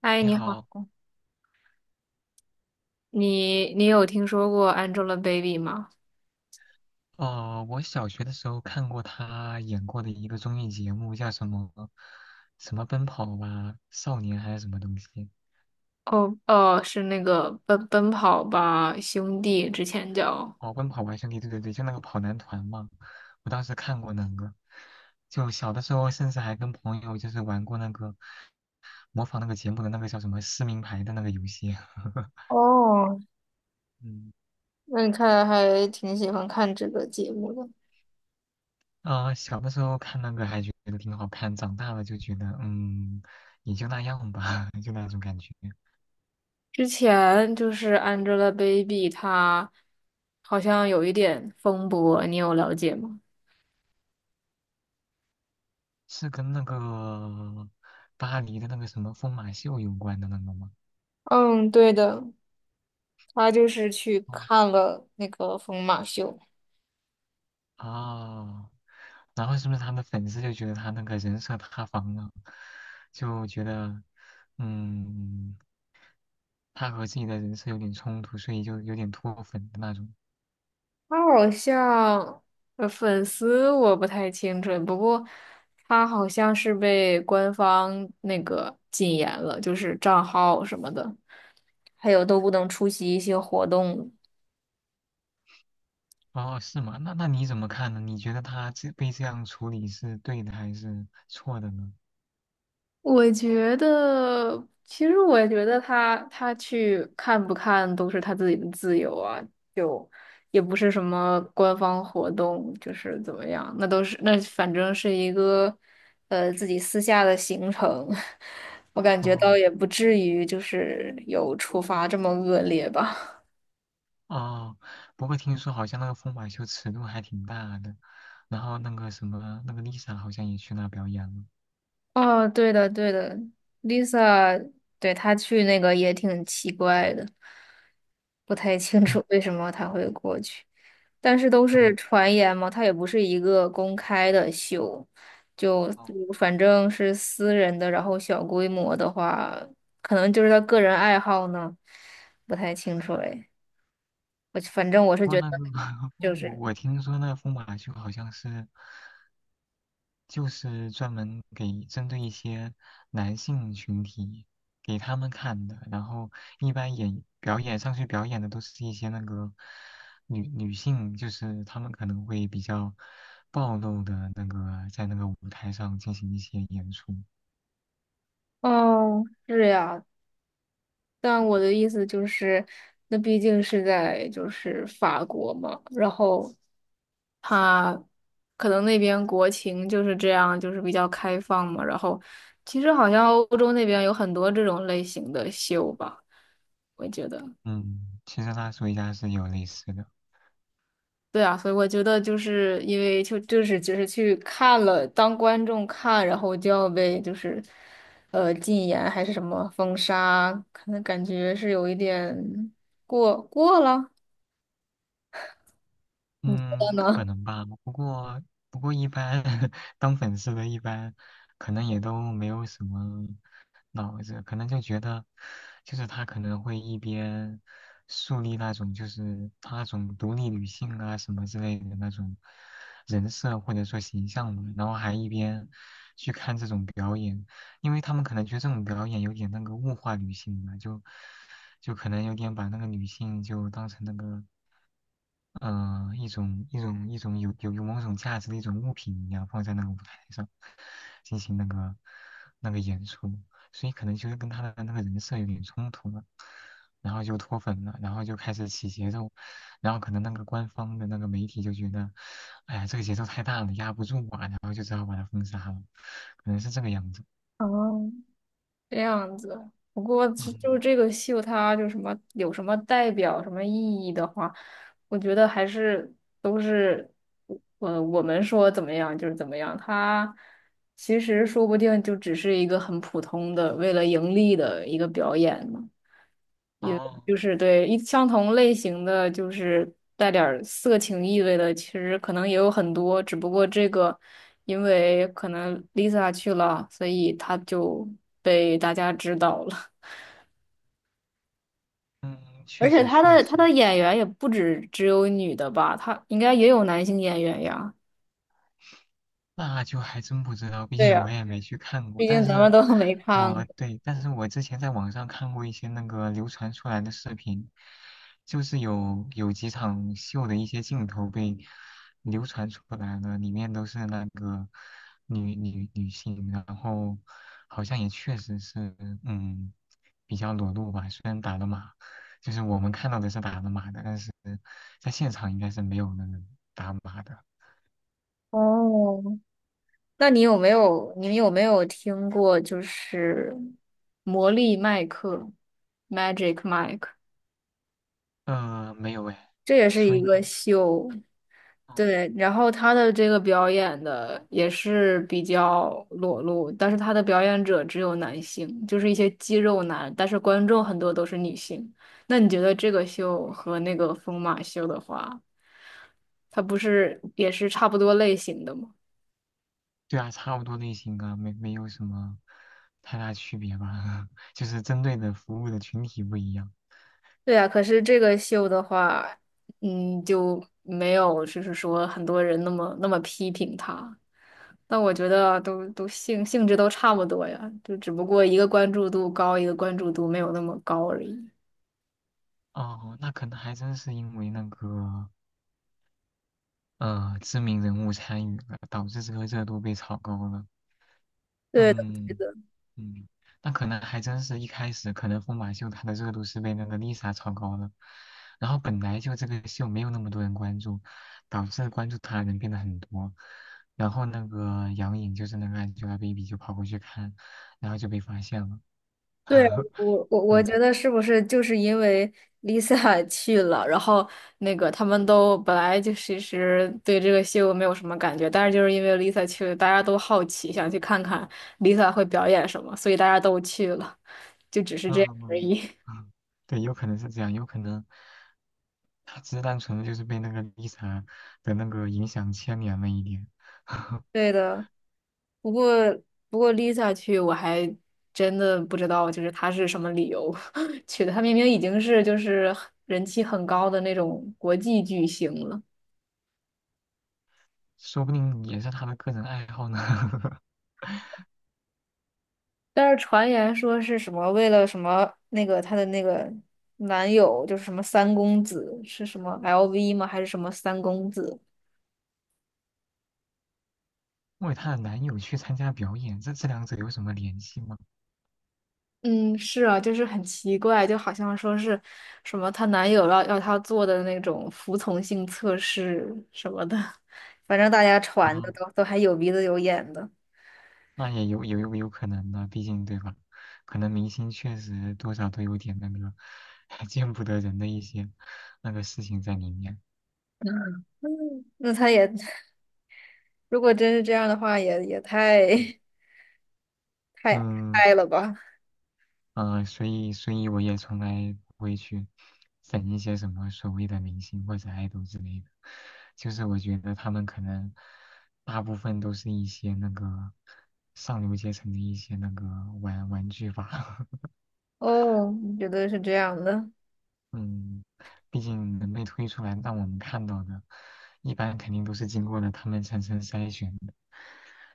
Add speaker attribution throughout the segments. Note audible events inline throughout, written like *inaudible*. Speaker 1: 嗨，
Speaker 2: 你
Speaker 1: 你好，
Speaker 2: 好。
Speaker 1: 你有听说过 Angelababy 吗？
Speaker 2: 我小学的时候看过他演过的一个综艺节目，叫什么奔跑吧少年还是什么东西？
Speaker 1: 哦哦，是那个奔跑吧兄弟，之前叫，
Speaker 2: 哦，奔跑吧兄弟，对对对，就那个跑男团嘛。我当时看过那个，就小的时候甚至还跟朋友就是玩过那个模仿那个节目的那个叫什么撕名牌的那个游戏。*laughs*
Speaker 1: 哦，
Speaker 2: 嗯。
Speaker 1: 那你看来还挺喜欢看这个节目的。
Speaker 2: 啊、小的时候看那个还觉得挺好看，长大了就觉得也就那样吧，*laughs* 就那种感觉。
Speaker 1: 之前就是 Angelababy，她好像有一点风波，你有了解吗？
Speaker 2: 是跟那个巴黎的那个什么疯马秀有关的那个吗？
Speaker 1: 嗯，对的，她就是去
Speaker 2: 哦，
Speaker 1: 看了那个疯马秀。
Speaker 2: 哦然后是不是他的粉丝就觉得他那个人设塌房了，就觉得，嗯，他和自己的人设有点冲突，所以就有点脱粉的那种。
Speaker 1: 他好像呃粉丝我不太清楚，不过他好像是被官方那个禁言了，就是账号什么的，还有都不能出席一些活动。
Speaker 2: 哦，是吗？那那你怎么看呢？你觉得他这被这样处理是对的还是错的呢？
Speaker 1: 我觉得，其实我觉得他去看不看都是他自己的自由啊，就也不是什么官方活动，就是怎么样，那都是那反正是一个自己私下的行程，*laughs* 我感觉倒
Speaker 2: 哦。
Speaker 1: 也不至于就是有处罚这么恶劣吧。
Speaker 2: 哦，不过听说好像那个疯马秀尺度还挺大的，然后那个什么，那个 Lisa 好像也去那表演了。
Speaker 1: *laughs* 哦，对的对的，Lisa，对，他去那个也挺奇怪的，不太清
Speaker 2: 嗯。
Speaker 1: 楚为什么他会过去。但是都
Speaker 2: 哦
Speaker 1: 是传言嘛，它也不是一个公开的秀，就
Speaker 2: 哦，
Speaker 1: 反正是私人的，然后小规模的话，可能就是他个人爱好呢，不太清楚哎。我反正我是
Speaker 2: 不过
Speaker 1: 觉得，
Speaker 2: 那个 *laughs*
Speaker 1: 就
Speaker 2: 我
Speaker 1: 是
Speaker 2: 我听说那个疯马秀好像是就是专门给针对一些男性群体给他们看的，然后一般演表演上去表演的都是一些那个女性，就是他们可能会比较暴露的那个在那个舞台上进行一些演出。
Speaker 1: 哦，是呀，但我的意思就是，那毕竟是在就是法国嘛，然后他可能那边国情就是这样，就是比较开放嘛。然后其实好像欧洲那边有很多这种类型的秀吧，我觉得。
Speaker 2: 嗯，其实拉斯维加斯也有类似的。
Speaker 1: 对啊，所以我觉得就是因为就是只是去看了当观众看，然后就要被就是禁言还是什么封杀，可能感觉是有一点过了，可
Speaker 2: 嗯，可
Speaker 1: 能。
Speaker 2: 能吧。不过一般 *laughs* 当粉丝的，一般可能也都没有什么脑子，可能就觉得，就是他可能会一边树立那种就是他那种独立女性啊什么之类的那种人设或者说形象嘛，然后还一边去看这种表演，因为他们可能觉得这种表演有点那个物化女性嘛，就可能有点把那个女性就当成那个。一种有某种价值的一种物品一样放在那个舞台上进行那个演出，所以可能就是跟他的那个人设有点冲突了，然后就脱粉了，然后就开始起节奏，然后可能那个官方的那个媒体就觉得，哎呀这个节奏太大了，压不住啊，然后就只好把他封杀了，可能是这个样子。
Speaker 1: 哦，这样子。不过就
Speaker 2: 嗯。
Speaker 1: 这个秀，它就什么有什么代表、什么意义的话，我觉得还是都是，我们说怎么样就是怎么样。它其实说不定就只是一个很普通的为了盈利的一个表演呢。也
Speaker 2: 哦。
Speaker 1: 就是相同类型的，就是带点儿色情意味的，其实可能也有很多，只不过这个因为可能 Lisa 去了，所以她就被大家知道了。*laughs*
Speaker 2: 嗯，
Speaker 1: 而
Speaker 2: 确
Speaker 1: 且
Speaker 2: 实
Speaker 1: 她
Speaker 2: 确
Speaker 1: 的她
Speaker 2: 实。
Speaker 1: 的演员也不止只有女的吧，她应该也有男性演员呀。
Speaker 2: 那就还真不知道，毕
Speaker 1: 对
Speaker 2: 竟我
Speaker 1: 呀，
Speaker 2: 也没去看过。
Speaker 1: 毕
Speaker 2: 但
Speaker 1: 竟咱
Speaker 2: 是
Speaker 1: 们都 *laughs* 没看过。
Speaker 2: 对，但是我之前在网上看过一些那个流传出来的视频，就是有几场秀的一些镜头被流传出来了，里面都是那个女性，然后好像也确实是，嗯，比较裸露吧。虽然打了码，就是我们看到的是打了码的，但是在现场应该是没有那个打码的。
Speaker 1: 哦，那你们有没有听过就是魔力麦克 （Magic Mike）？
Speaker 2: 没有哎，
Speaker 1: 这也
Speaker 2: 你
Speaker 1: 是
Speaker 2: 说
Speaker 1: 一
Speaker 2: 一
Speaker 1: 个
Speaker 2: 说。
Speaker 1: 秀，
Speaker 2: 嗯，
Speaker 1: 对。然后他的这个表演的也是比较裸露，但是他的表演者只有男性，就是一些肌肉男，但是观众很多都是女性。那你觉得这个秀和那个疯马秀的话，它不是也是差不多类型的吗？
Speaker 2: 对啊，差不多类型啊，没有什么太大区别吧，*laughs* 就是针对的服务的群体不一样。
Speaker 1: 对呀，可是这个秀的话，嗯，就没有就是说很多人那么批评他，但我觉得都性质都差不多呀，就只不过一个关注度高，一个关注度没有那么高而已。
Speaker 2: 哦，那可能还真是因为那个知名人物参与了，导致这个热度被炒高了。
Speaker 1: 对的，对
Speaker 2: 嗯，
Speaker 1: 的。
Speaker 2: 嗯，那可能还真是一开始，可能疯马秀它的热度是被那个 Lisa 炒高的，然后本来就这个秀没有那么多人关注，导致关注它的人变得很多，然后那个杨颖就是那个 Angelababy 就跑过去看，然后就被发现了。
Speaker 1: 对，
Speaker 2: *laughs*
Speaker 1: 我
Speaker 2: 对。
Speaker 1: 觉得是不是就是因为 Lisa 去了，然后那个他们都本来就其实对这个秀没有什么感觉，但是就是因为 Lisa 去了，大家都好奇，想去看看 Lisa 会表演什么，所以大家都去了，就只是这样而
Speaker 2: 嗯
Speaker 1: 已。
Speaker 2: 嗯，对，有可能是这样，有可能他只是单纯的就是被那个 Lisa 的那个影响牵连了一点。*laughs*
Speaker 1: *laughs* 对的，不过不过 Lisa 去我还真的不知道，就是她是什么理由 *laughs* 去的，她明明已经是就是人气很高的那种国际巨星了。
Speaker 2: 说不定也是他的个人爱好呢。*laughs*
Speaker 1: 但是传言说是什么为了什么那个她的那个男友就是什么三公子是什么 LV 吗？还是什么三公子？
Speaker 2: 为她的男友去参加表演，这这两者有什么联系吗？
Speaker 1: 嗯，是啊，就是很奇怪，就好像说是什么她男友要她做的那种服从性测试什么的，*laughs* 反正大家传
Speaker 2: 啊，
Speaker 1: 的都还有鼻子有眼的。
Speaker 2: 那也有可能的，毕竟对吧？可能明星确实多少都有点那个 *laughs* 见不得人的一些那个事情在里面。
Speaker 1: 嗯，那她也 *laughs* 如果真是这样的话，也
Speaker 2: 嗯
Speaker 1: 太 *laughs* 太
Speaker 2: 嗯
Speaker 1: 太了吧？
Speaker 2: 所以我也从来不会去整一些什么所谓的明星或者爱豆之类的，就是我觉得他们可能大部分都是一些那个上流阶层的一些那个玩玩具吧。*laughs*
Speaker 1: 哦，你觉得是这样的？
Speaker 2: 嗯，毕竟能被推出来让我们看到的，一般肯定都是经过了他们层层筛选的。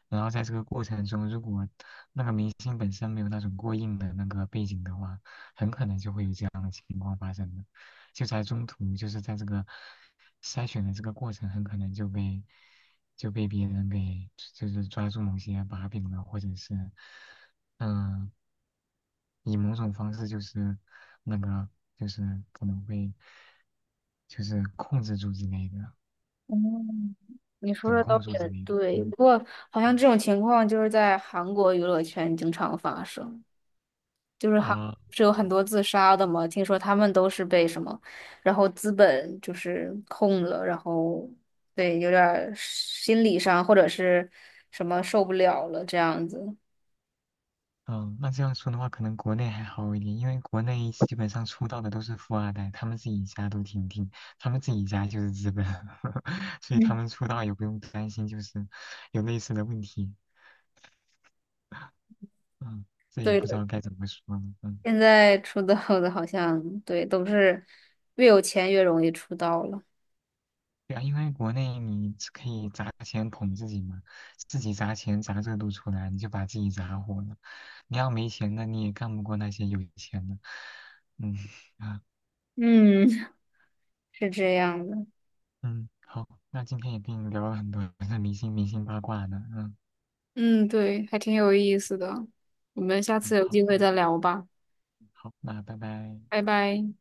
Speaker 2: 然后在这个过程中，如果那个明星本身没有那种过硬的那个背景的话，很可能就会有这样的情况发生的。就在中途，就是在这个筛选的这个过程，很可能就被别人给就是抓住某些把柄了，或者是嗯、呃以某种方式就是那个就是可能会。就是控制住之类的，
Speaker 1: 嗯，你说
Speaker 2: 掌
Speaker 1: 的
Speaker 2: 控
Speaker 1: 倒
Speaker 2: 住之
Speaker 1: 也
Speaker 2: 类的。
Speaker 1: 对，
Speaker 2: 嗯
Speaker 1: 不过好像这种情况就是在韩国娱乐圈经常发生，就是韩
Speaker 2: 啊，
Speaker 1: 是有很多自杀的嘛，听说他们都是被什么，然后资本就是控了，然后对，有点儿心理上或者是什么受不了了这样子。
Speaker 2: 嗯，那这样说的话，可能国内还好一点，因为国内基本上出道的都是富二代，他们自己家都挺挺，他们自己家就是资本，*laughs* 所以他
Speaker 1: 嗯，
Speaker 2: 们出道也不用担心就是有类似的问题。嗯，这也
Speaker 1: 对
Speaker 2: 不知
Speaker 1: 的，
Speaker 2: 道该怎么说呢。嗯
Speaker 1: 现在出道的好像对都是越有钱越容易出道了。
Speaker 2: 对啊，因为国内你只可以砸钱捧自己嘛，自己砸钱砸热度出来，你就把自己砸火了。你要没钱的，你也干不过那些有钱的。嗯啊
Speaker 1: 嗯，是这样的。
Speaker 2: 嗯，好，那今天也跟你聊了很多 *laughs* 明星八卦呢。嗯
Speaker 1: 嗯，对，还挺有意思的。我们下
Speaker 2: 嗯，
Speaker 1: 次有
Speaker 2: 好，
Speaker 1: 机会再聊吧，
Speaker 2: 好，那拜拜。
Speaker 1: 拜拜。